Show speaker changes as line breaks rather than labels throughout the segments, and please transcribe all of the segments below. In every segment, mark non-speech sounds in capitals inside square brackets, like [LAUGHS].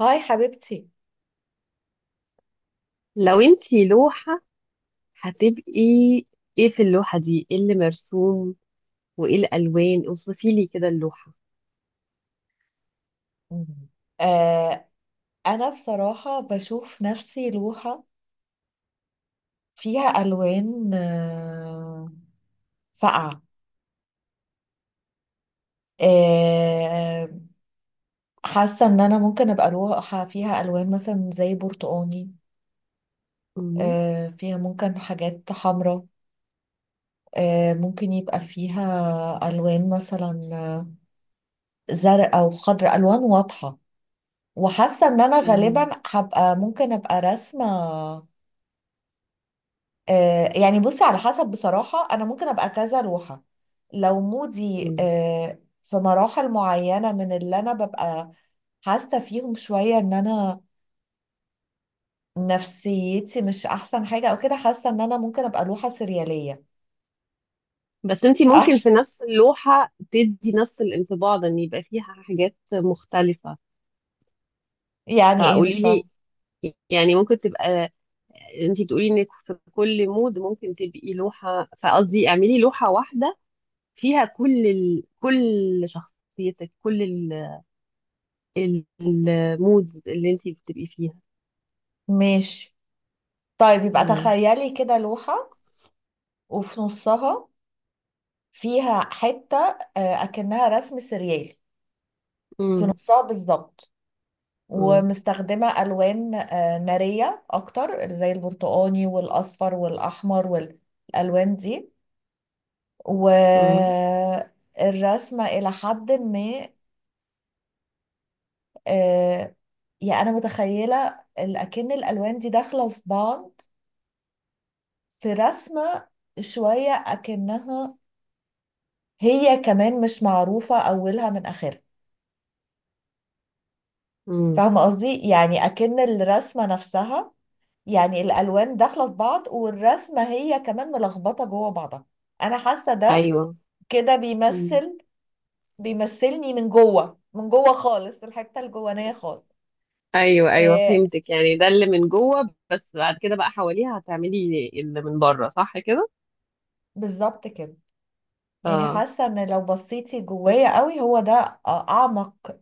هاي حبيبتي.
لو انتي لوحة هتبقي، ايه في اللوحة دي؟ ايه اللي مرسوم وايه الالوان؟ اوصفي لي كده اللوحة.
مم. آه أنا بصراحة بشوف نفسي لوحة فيها ألوان فاقعة. آه حاسة إن أنا ممكن أبقى لوحة فيها ألوان مثلا زي برتقاني.
مم.
فيها ممكن حاجات حمراء. ممكن يبقى فيها ألوان مثلا زرقاء وخضراء، ألوان واضحة. وحاسة إن أنا غالبا
مم.
هبقى ممكن أبقى راسمة. يعني بصي، على حسب، بصراحة أنا ممكن أبقى كذا روحة لو مودي،
مم.
في مراحل معينة من اللي أنا ببقى حاسة فيهم شوية إن أنا نفسيتي مش أحسن حاجة أو كده، حاسة إن أنا ممكن أبقى روحة سريالية.
بس انتي ممكن في
[LAUGHS]
نفس اللوحة تدي نفس الانطباع ده، ان يبقى فيها حاجات مختلفة.
يعني إيه؟
فقولي
مش فاهمة.
لي، يعني ممكن تبقى، انتي بتقولي انك في كل مود ممكن تبقي لوحة، فقصدي اعملي لوحة واحدة فيها كل كل شخصيتك، كل المودز اللي انتي بتبقي فيها.
ماشي. طيب يبقى
مم.
تخيلي كده لوحة، وفي نصها فيها حتة أكنها رسم سريالي في
مم.
نصها بالظبط،
مم.
ومستخدمة ألوان نارية أكتر، زي البرتقاني والأصفر والأحمر والألوان دي،
مم.
والرسمة إلى حد ما. آه، يعني أنا متخيلة أكن الألوان دي داخلة في بعض، في رسمة شوية أكنها هي كمان مش معروفة أولها من آخرها.
مم.
فاهمة قصدي؟ يعني أكن الرسمة نفسها، يعني الالوان داخله في بعض، والرسمه هي كمان ملخبطه جوه بعضها. انا حاسه ده
ايوه.
كده
مم.
بيمثلني من جوه، من جوه خالص، الحته الجوانيه خالص.
ايوه، ايوه
آه
فهمتك، يعني ده اللي من جوه، بس بعد كده بقى حواليها هتعملي اللي من بره، صح كده؟
بالظبط كده. يعني
اه.
حاسه ان لو بصيتي جوايا قوي هو ده، اعمق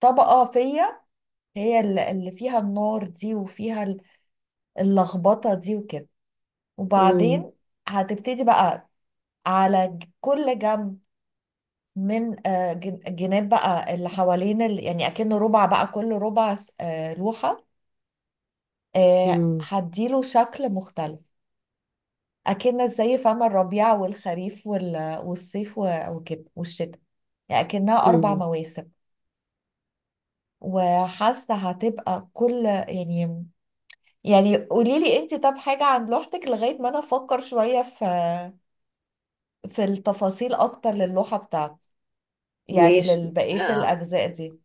طبقه فيا، هي اللي فيها النار دي وفيها اللخبطه دي وكده.
امم.
وبعدين هتبتدي بقى على كل جنب، من جناب بقى، اللي حوالين يعني اكنه ربع بقى، كل ربع لوحة،
امم.
هديله شكل مختلف، اكن زي فم الربيع والخريف والصيف وكده والشتاء، يعني اكنها اربع
امم.
مواسم. وحاسة هتبقى كل، يعني قولي لي انت طب حاجة عن لوحتك، لغاية ما انا افكر شوية في التفاصيل اكتر للوحة بتاعتي، يعني
ماشي.
لبقية
آه.
الاجزاء دي.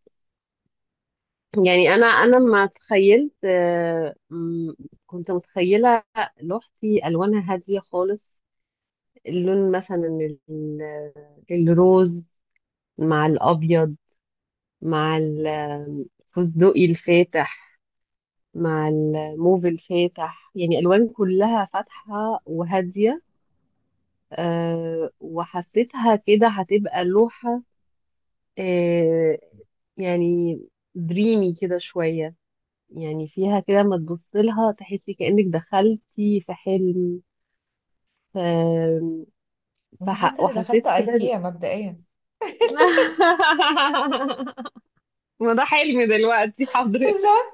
يعني انا ما تخيلت، كنت متخيله لوحتي الوانها هاديه خالص، اللون مثلا ال- الروز مع الابيض، مع الفستقي الفاتح، مع الموف الفاتح، يعني الوان كلها فاتحه وهاديه. وحسيتها كده هتبقى لوحه أه يعني دريمي كده شويه، يعني فيها كده ما تبص لها تحسي كأنك دخلتي في حلم. ف...
أنا حاسة اني دخلت
وحسيت كده.
ايكيا مبدئيا.
[LAUGHS] ما ده حلم دلوقتي حضرتك.
بالظبط.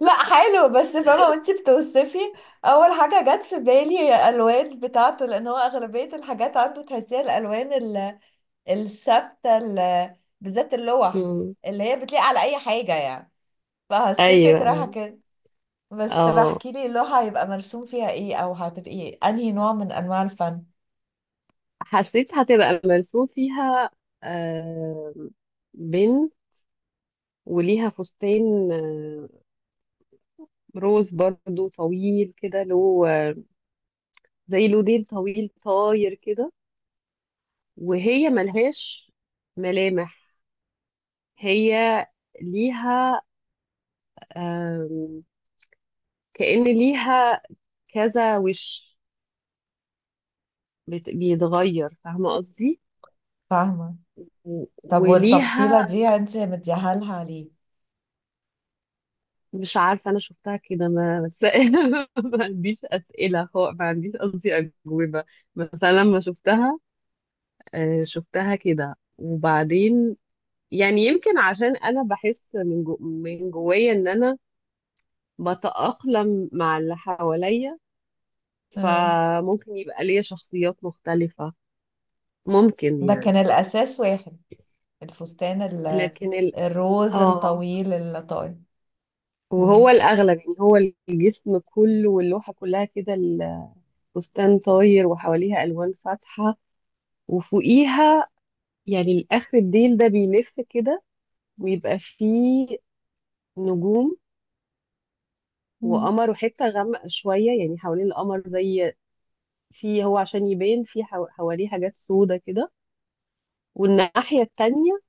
لا، حلو، بس فاهمة وانتي بتوصفي. أول حاجة جت في بالي هي الألوان بتاعته، لأن هو أغلبية الحاجات عنده تحسيها الألوان الثابتة، بالذات اللوح
مم.
اللي هي بتليق على أي حاجة يعني. فحسيتك
ايوه،
رايحة
ايوه.
كده. بس طب
اه،
احكي لي، اللوحة هيبقى مرسوم فيها ايه، أو هتبقي أنهي نوع من أنواع الفن؟
حسيت هتبقى مرسوم فيها آه، بنت وليها فستان روز برضو طويل كده له زي له ديل طويل طاير كده، وهي ملهاش ملامح. هي ليها آم، كأن ليها كذا وش بيتغير، فاهمة قصدي؟
فاهمة.
و-
طب والتفصيلة
وليها.
دي انتي مديها لها ليه؟
مش عارفة، أنا شفتها كده ما بس، [LAUGHS] ما عنديش أسئلة، هو ما عنديش قصدي أجوبة. بس أنا لما شفتها شفتها كده، وبعدين يعني يمكن عشان أنا بحس من جوايا إن أنا بتأقلم مع اللي حواليا.
مم.
فممكن يبقى ليا شخصيات مختلفة، ممكن
ده
يعني.
كان الأساس، واحد الفستان
لكن ال
الروز
آه
الطويل اللطائف.
وهو
مم.
الأغلب، يعني هو الجسم كله واللوحة كلها كده، الفستان طاير وحواليها ألوان فاتحة. وفوقيها، يعني الآخر الديل ده بيلف كده ويبقى فيه نجوم
مم.
وقمر وحتة غامقة شوية، يعني حوالين القمر، زي، في هو عشان يبان، في حواليه حاجات سودة كده. والناحية التانية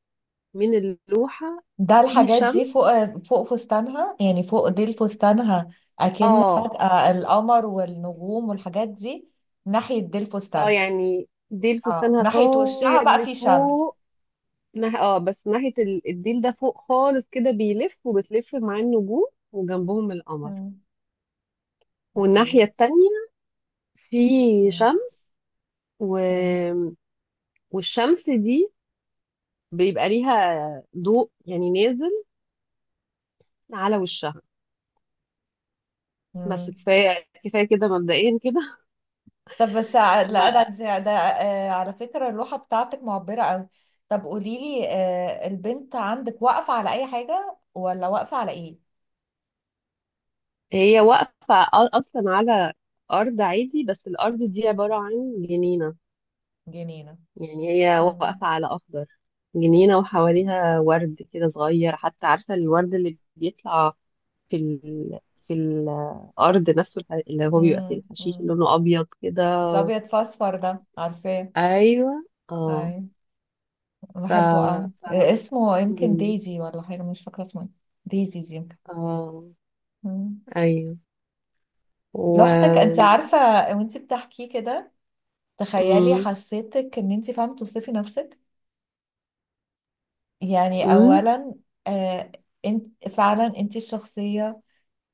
من اللوحة
ده
في
الحاجات دي
شمس.
فوق فستانها، يعني فوق ديل فستانها. أكن
اه.
فجأة القمر والنجوم والحاجات دي ناحية ديل
اه
فستانها.
يعني ديل
اه،
فستانها
ناحية وشها
طاير
بقى في شمس.
لفوق. اه، بس ناحية الديل ده فوق خالص كده بيلف وبتلف مع النجوم وجنبهم القمر.
مم. اوكي.
والناحية التانية في
مم.
شمس و...
مم.
والشمس دي بيبقى ليها ضوء يعني نازل على وشها. بس
مم.
كفايه كفايه كده مبدئيا كده.
طب بس
[LAUGHS]
لا، ده
أما
ده ده، على فكرة اللوحة بتاعتك معبرة قوي. طب قولي لي، البنت عندك واقفة على أي حاجة، ولا واقفة على إيه؟
هي واقفه اصلا على ارض عادي، بس الارض دي عباره عن جنينه.
جنينة.
يعني هي
مم.
واقفه على اخضر، جنينه وحواليها ورد كده صغير، حتى عارفه الورد اللي بيطلع في ال... في الارض نفسه، اللي هو بيبقى في
مم.
الحشيش،
مم.
اللي لونه ابيض كده و...
الأبيض في أصفر ده عارفاه؟
ايوه. اه.
أي،
ف...
بحبه أوي. اسمه يمكن
مم.
دايزي ولا حاجة، مش فاكرة اسمه إيه. دايزيز يمكن.
اه،
مم.
ايوه. و
لوحدك أنت عارفة، وأنت بتحكيه كده، تخيلي
مم.
حسيتك إن أنت فاهمة توصفي نفسك. يعني
مم.
أولا، آه انت فعلا، انت الشخصية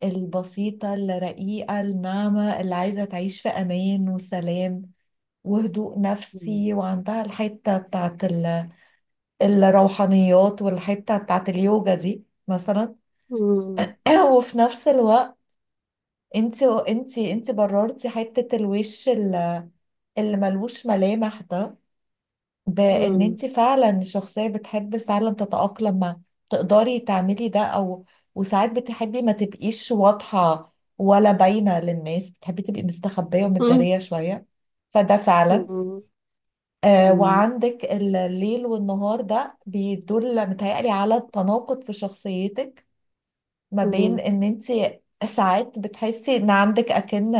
البسيطة الرقيقة الناعمة، اللي عايزة تعيش في أمان وسلام وهدوء
مم.
نفسي، وعندها الحتة بتاعت الروحانيات، والحتة بتاعت اليوجا دي مثلا.
مم.
[CLEARS THROAT] وفي نفس الوقت، انت بررتي حتة الوش اللي ملوش ملامح ده، بان
مم.
انت فعلا شخصية بتحب فعلا تتأقلم مع، تقدري تعملي ده، او، وساعات بتحبي ما تبقيش واضحة ولا باينة للناس، بتحبي تبقي مستخبية
مم.
ومتدارية شوية. فده فعلا.
مم. مم.
وعندك الليل والنهار ده بيدل، متهيألي، على التناقض في شخصيتك، ما بين ان انت ساعات بتحسي ان عندك اكن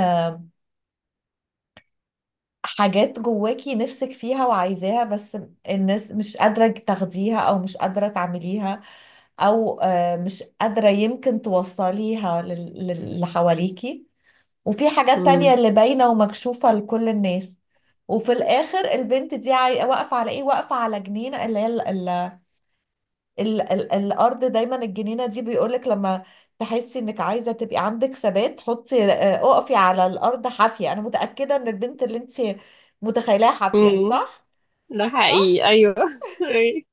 حاجات جواكي نفسك فيها وعايزاها، بس الناس مش قادرة تاخديها، او مش قادرة تعمليها، او مش قادرة يمكن توصليها اللي حواليكي، وفي حاجات تانية
مم.
اللي باينة ومكشوفة لكل الناس. وفي الاخر البنت دي واقفة على ايه؟ واقفة على جنين اللي هي ال ال الارض، دايما الجنينه دي بيقولك لما تحسي انك عايزه تبقي عندك ثبات، حطي، اقفي على الارض حافيه. انا متاكده ان البنت اللي انت متخيلاها حافيه،
مم.
صح؟
ده
صح.
حقيقي، ايوه. [LAUGHS] أيوة.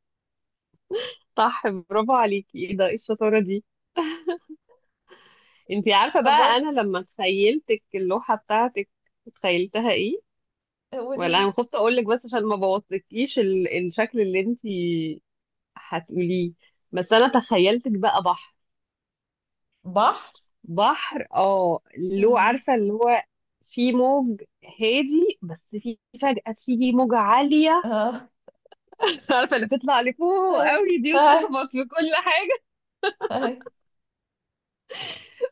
صح، برافو عليكي، ايه ده، إيه الشطاره دي؟ انتي عارفه
طب
بقى، انا لما تخيلتك اللوحه بتاعتك تخيلتها ايه؟ ولا
وريلي.
انا خفت اقول لك بس عشان ما بوظتكيش الشكل اللي انتي هتقوليه. بس انا تخيلتك بقى بحر.
بحر؟
بحر، اه، له،
مم.
عارفة اللي هو في موج هادي بس في فجأة تيجي موجة عالية،
اه.
[LAUGHS] عارفة اللي بتطلع لفوق
[LAUGHS]
قوي دي
هاي،
وتخبط في كل حاجة.
هاي.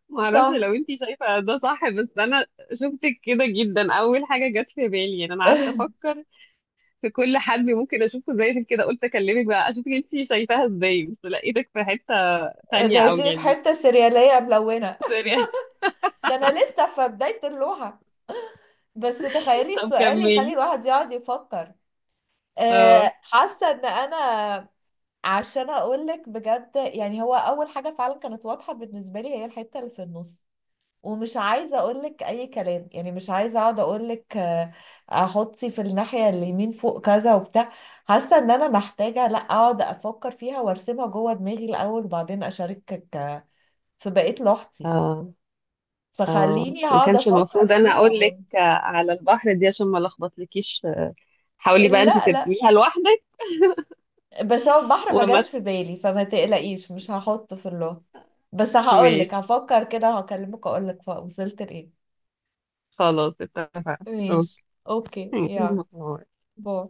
معرفش
صح.
لو انتي شايفة ده صح، بس انا شفتك كده جدا، اول حاجة جت في بالي. يعني انا قعدت
[LAUGHS]
افكر في كل حد ممكن اشوفه زي، عشان كده قلت اكلمك بقى اشوفك انتي شايفاها ازاي، بس لقيتك في حتة تانية او
لقيتيني في
يعني،
حته سرياليه ملونه.
سوري.
[LAUGHS] ده انا لسه في بدايه اللوحه، بس
[LAUGHS]
تخيلي
طب
السؤال يخلي
كملي.
الواحد يقعد يفكر.
اه،
حاسه ان انا، عشان اقول لك بجد يعني، هو اول حاجه فعلا كانت واضحه بالنسبه لي هي الحته اللي في النص، ومش عايزه اقول لك اي كلام، يعني مش عايزه اقعد اقول لك احطي في الناحيه اليمين فوق كذا وبتاع. حاسه ان انا محتاجه لا اقعد افكر فيها وارسمها جوه دماغي الاول، وبعدين اشاركك في بقيه لوحتي،
اه،
فخليني
ما
هقعد
كانش
افكر
المفروض انا
فيها.
اقول لك على البحر دي عشان ما لخبطلكيش. حاولي بقى انت
لا لا،
ترسميها لوحدك.
بس هو البحر ما
وما
جاش في بالي، فما تقلقيش مش هحطه في اللون. بس هقولك،
ماشي،
هفكر كده هكلمك اقولك وصلت لايه.
خلاص اتفقنا،
ماشي.
اوكي.
اوكي. يلا.
[LAUGHS]
باي.